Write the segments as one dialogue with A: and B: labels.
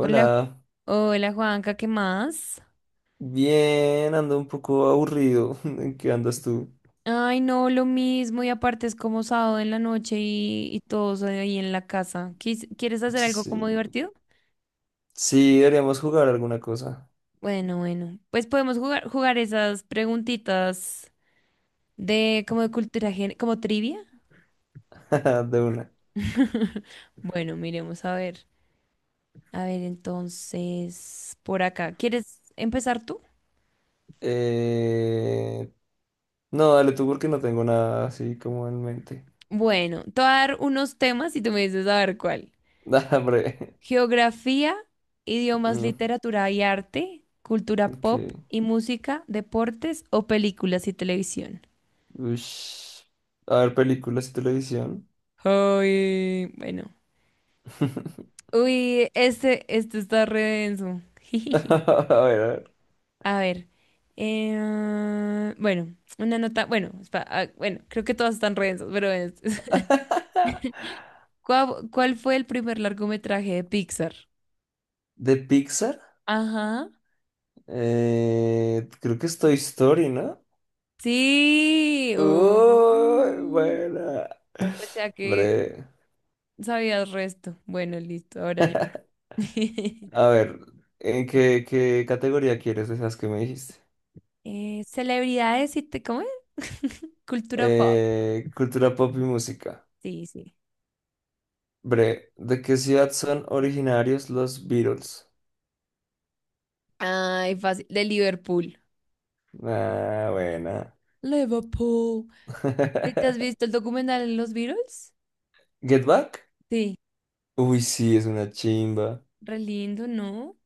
A: Hola, hola Juanca, ¿qué más?
B: bien, ando un poco aburrido. ¿En qué andas tú?
A: Ay, no, lo mismo y aparte es como sábado en la noche y todos ahí en la casa. ¿Quieres hacer algo
B: Sí,
A: como divertido?
B: sí, deberíamos jugar alguna cosa.
A: Bueno, bueno, pues podemos jugar esas preguntitas de como de cultura, como trivia.
B: De una.
A: Bueno, miremos a ver. A ver, entonces, por acá. ¿Quieres empezar tú?
B: Eh... No, dale tú porque no tengo nada así como en mente.
A: Bueno, te voy a dar unos temas y tú me dices a ver cuál.
B: Da, hombre.
A: Geografía, idiomas,
B: Mm,
A: literatura y arte, cultura
B: ok.
A: pop y música, deportes o películas y televisión.
B: Ush. A ver, películas y televisión.
A: Ay, bueno. Uy, este está re denso.
B: A ver, a ver.
A: A ver. Bueno, una nota. Bueno, ah, bueno, creo que todas están re densas, pero ¿Cuál fue el primer largometraje de Pixar?
B: ¿De Pixar?
A: Ajá.
B: Creo que es Toy Story, ¿no?
A: Sí.
B: Uy, buena.
A: O sea que.
B: Hombre.
A: Sabías resto. Bueno, listo, ahora yo.
B: A ver, ¿qué categoría quieres de esas que me dijiste?
A: Celebridades ¿cómo es? Cultura pop.
B: Cultura pop y música.
A: Sí, sí.
B: Bre, ¿de qué ciudad son originarios los Beatles?
A: Ay, fácil. De Liverpool.
B: Ah, buena.
A: Liverpool. ¿Sí? ¿Te has visto el documental de los Beatles?
B: ¿Get Back?
A: Sí.
B: Uy, sí, es una chimba.
A: Re lindo, ¿no?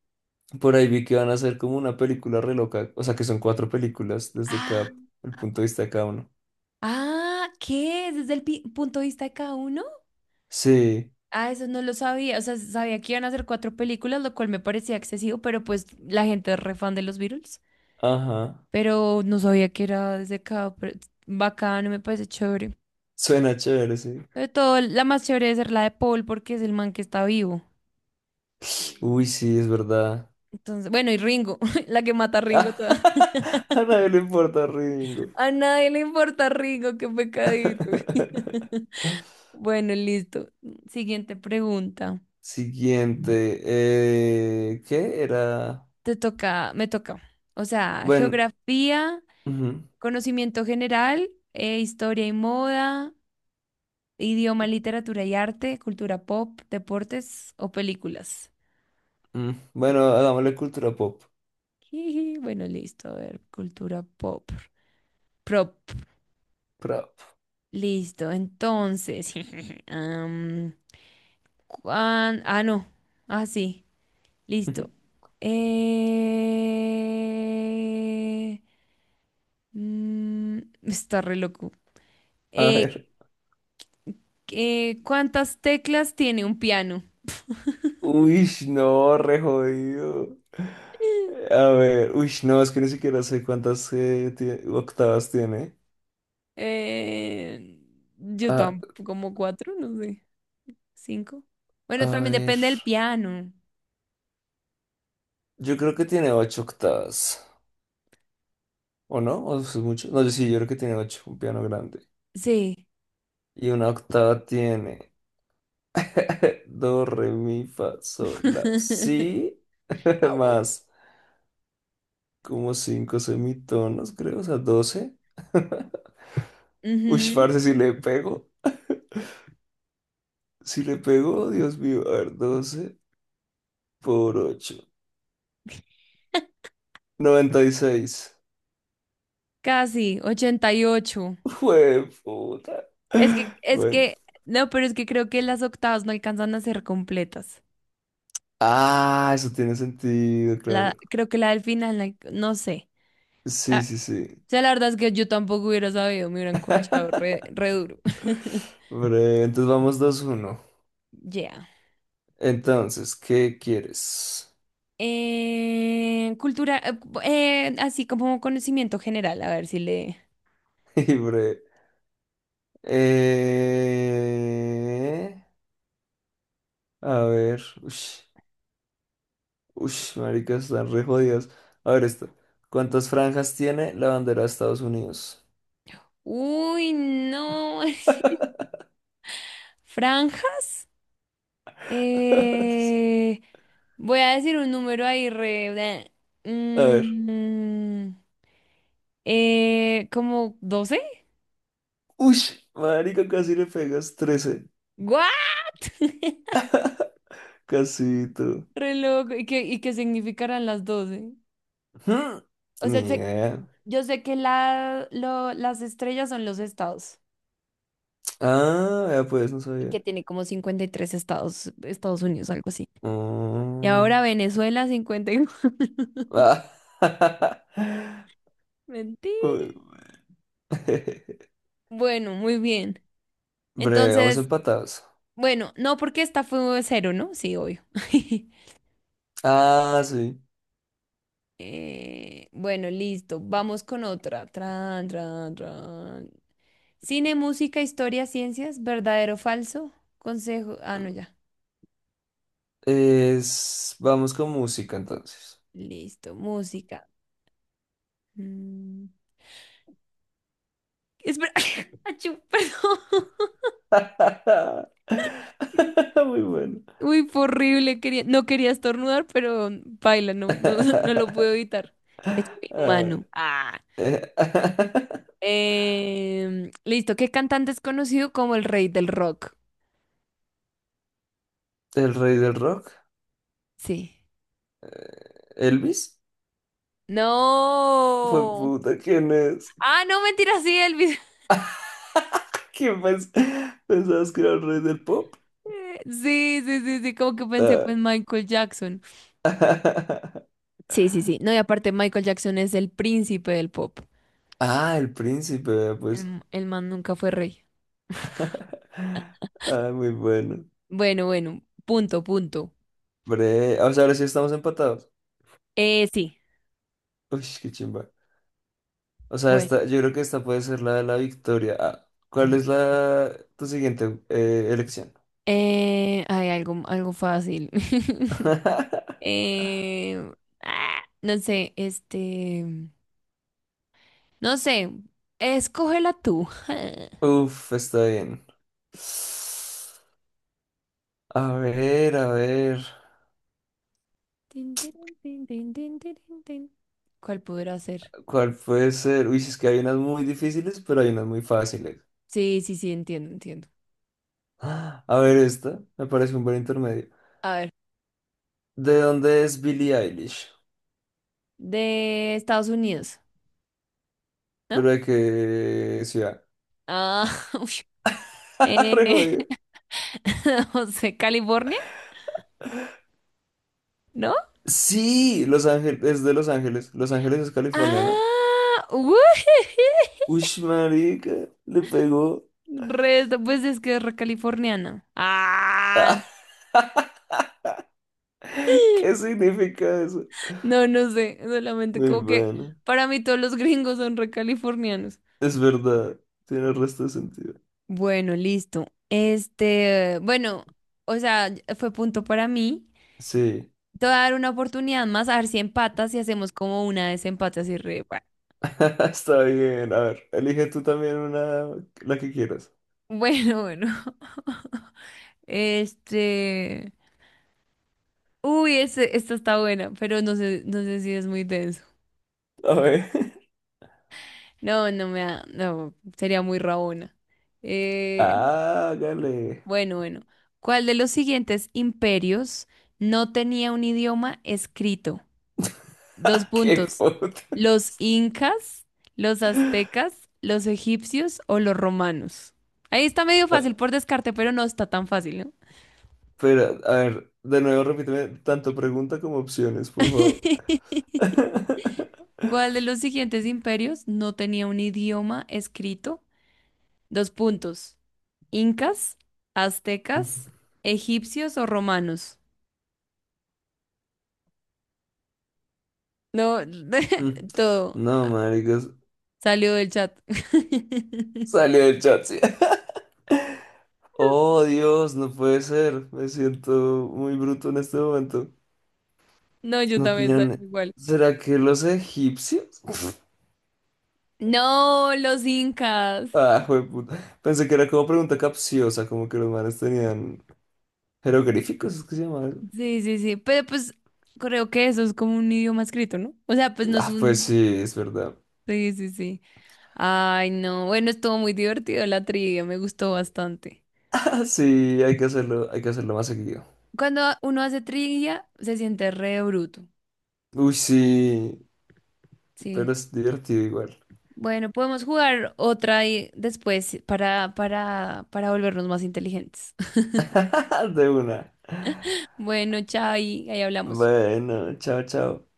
B: Por ahí vi que van a hacer como una película re loca. O sea, que son cuatro películas desde
A: Ah,
B: el punto de vista de cada uno.
A: ah, ¿qué? ¿Desde el punto de vista de cada uno?
B: Sí,
A: Ah, eso no lo sabía. O sea, sabía que iban a hacer cuatro películas, lo cual me parecía excesivo, pero pues la gente es re fan de los Beatles.
B: ajá.
A: Pero no sabía que era desde acá, pero es bacano, me parece chévere.
B: Suena chévere, sí.
A: Sobre todo, la más chévere debe ser la de Paul, porque es el man que está vivo.
B: Uy, sí, es verdad.
A: Entonces, bueno, y Ringo, la que mata a Ringo toda.
B: A nadie le importa, Ringo.
A: A nadie le importa Ringo, qué pecadito. Bueno, listo. Siguiente pregunta.
B: Siguiente. ¿Qué era?
A: Te toca, me toca. O sea,
B: Bueno,
A: geografía,
B: ujú,
A: conocimiento general, historia y moda, idioma, literatura y arte, cultura pop, deportes o películas.
B: bueno, hagámosle cultura pop.
A: Jiji, bueno, listo, a ver, cultura pop. Prop,
B: Prop.
A: listo, entonces. am, ah, no, ah, sí, listo. Eh, Está re loco.
B: A
A: Eh,
B: ver.
A: ¿Cuántas teclas tiene un piano?
B: Uy, no, re jodido. A ver, uy, no, es que ni siquiera sé cuántas octavas tiene.
A: Eh, yo
B: A,
A: tampoco, como cuatro, no sé, cinco. Bueno,
B: a
A: también
B: ver,
A: depende del piano.
B: yo creo que tiene ocho octavas, ¿o no? ¿O eso es mucho? No, yo sí, yo creo que tiene ocho, un piano grande.
A: Sí.
B: Y una octava tiene. Do, re, mi, fa, sol, la, si, más como cinco semitonos, creo, o sea, 12. Uy,
A: Ujú.
B: parce, si le pego, si le pego, Dios mío, a ver, 12 por ocho, 96.
A: Casi, 88.
B: Jue puta.
A: Es que, es
B: Bueno,
A: que, no, pero es que creo que las octavas no alcanzan a ser completas.
B: ah, eso tiene sentido,
A: La,
B: claro.
A: creo que la del final, no sé.
B: Sí, sí, sí.
A: O sea, la verdad es que yo tampoco hubiera sabido, me hubieran corchado re duro.
B: Bre, entonces vamos 2-1.
A: Ya.
B: Entonces, ¿qué quieres?
A: Cultura, así como conocimiento general, a ver si le...
B: Y bre, eh... A ver. Ush, ush, marica, están re jodidos. A ver esto. ¿Cuántas franjas tiene la bandera de Estados Unidos?
A: Uy, no. ¿Franjas? Eh, Voy a decir un número ahí re... bleh.
B: A ver.
A: Mm, ¿Como 12?
B: Ush, marica, casi le pegas 13.
A: ¿What?
B: Casito.
A: Re loco. ¿Y qué significarán las 12?
B: Hmm.
A: O
B: Ni
A: sea,
B: idea.
A: yo sé que las estrellas son los estados
B: Ah, ya pues, no
A: y
B: sabía.
A: que tiene como 53 estados, Estados Unidos, algo así. Y
B: Mm.
A: ahora Venezuela 51.
B: Ah.
A: Mentira.
B: Uy.
A: Bueno, muy bien.
B: Breve, vamos
A: Entonces...
B: empatados.
A: Bueno, no, porque esta fue cero, ¿no? Sí, obvio.
B: Ah, sí.
A: Bueno, listo. Vamos con otra. Tran, tran, tran. Cine, música, historia, ciencias, verdadero o falso. Consejo. Ah, no, ya.
B: Vamos con música entonces.
A: Listo, música. Mm, Espera. Achú, perdón. Mm.
B: Muy bueno.
A: Uy, fue horrible. Quería... No quería estornudar, pero baila, no, no, no lo puedo evitar. Es muy
B: Ah,
A: humano. Ah.
B: eh,
A: Listo, ¿qué cantante es conocido como el rey del rock?
B: el rey del rock,
A: Sí.
B: Elvis. Fue
A: No.
B: puta, ¿quién es?
A: Ah, no, mentira, sí, Elvis.
B: ¿Quién pensabas que era el rey del pop?
A: Sí, sí, sí, sí, como que pensé pues
B: Ah,
A: Michael Jackson. Sí, sí, sí. No, y aparte Michael Jackson es el príncipe del pop.
B: ah, el príncipe, vea,
A: El,
B: pues.
A: el man nunca fue rey.
B: Ah, muy bueno.
A: Bueno, bueno, punto, punto.
B: Bre, o sea, ahora sí estamos empatados.
A: Sí.
B: Uy, qué chimba. O sea,
A: Bueno,
B: esta, yo creo que esta puede ser la de la victoria. Ah, ¿cuál es la tu siguiente elección?
A: hay algo, algo fácil. Eh, ah, no sé, este, no sé, escógela tú.
B: Uf, está bien. A ver,
A: Tin, tirin, tin, tin, tin, tirin, tin. ¿Cuál podrá ser?
B: ¿cuál puede ser? Uy, si es que hay unas muy difíciles, pero hay unas muy fáciles.
A: Sí, sí, sí, entiendo, entiendo.
B: Ah, a ver, esta me parece un buen intermedio.
A: A ver,
B: ¿De dónde es Billie Eilish?
A: de Estados Unidos, ¿no?
B: ¿Pero de qué ciudad?
A: Ah, uy.
B: Re
A: Eh,
B: jodido.
A: no sé, California, ¿no?
B: Sí, Los Ángeles, es de Los Ángeles. Los Ángeles es California, ¿no?
A: Ah, uy,
B: Uy, marica, le pegó.
A: resto, pues es que es re californiana. Ah,
B: ¿Qué significa eso?
A: no, no sé, solamente
B: Muy
A: como que
B: bueno,
A: para mí todos los gringos son re californianos.
B: es verdad, tiene el resto de sentido.
A: Bueno, listo. Este, bueno, o sea, fue punto para mí.
B: Sí.
A: Te voy a dar una oportunidad más a ver si empatas y hacemos como una desempate así re.
B: Está bien, a ver, elige tú también una, la que quieras.
A: Bueno, bueno. Este. Uy, esta está buena, pero no sé, no sé si es muy denso.
B: A ver.
A: No, no me da. No, sería muy rabona. Eh,
B: Hágale.
A: bueno, bueno. ¿Cuál de los siguientes imperios no tenía un idioma escrito? Dos
B: Qué
A: puntos.
B: puta.
A: ¿Los incas, los aztecas, los egipcios o los romanos? Ahí está medio
B: Ah,
A: fácil por descarte, pero no está tan fácil, ¿no?
B: espera, a ver, de nuevo repíteme tanto pregunta como opciones, por favor.
A: ¿Cuál de los siguientes imperios no tenía un idioma escrito? Dos puntos. ¿Incas, aztecas, egipcios o romanos? No, todo
B: No, maricos,
A: salió del chat.
B: salió del chat, sí. Oh, Dios, no puede ser. Me siento muy bruto en este momento.
A: No, yo
B: No
A: también salí
B: tenían.
A: igual.
B: ¿Será que los egipcios?
A: No, los incas.
B: Ah, jueputa. Pensé que era como pregunta capciosa, como que los manes tenían jeroglíficos, ¿es que se llama eso?
A: Sí, sí, sí, pero pues creo que eso es como un idioma escrito, ¿no? O sea, pues no es
B: Ah, pues
A: un...
B: sí, es verdad.
A: Sí, sí, sí. Ay, no. Bueno, estuvo muy divertido la trivia, me gustó bastante.
B: Ah, sí, hay que hacerlo más seguido.
A: Cuando uno hace trivia, se siente re bruto.
B: Uy, sí,
A: Sí.
B: pero es divertido igual.
A: Bueno, podemos jugar otra y después para volvernos más inteligentes.
B: De una.
A: Bueno, chao, y ahí hablamos.
B: Bueno, chao, chao.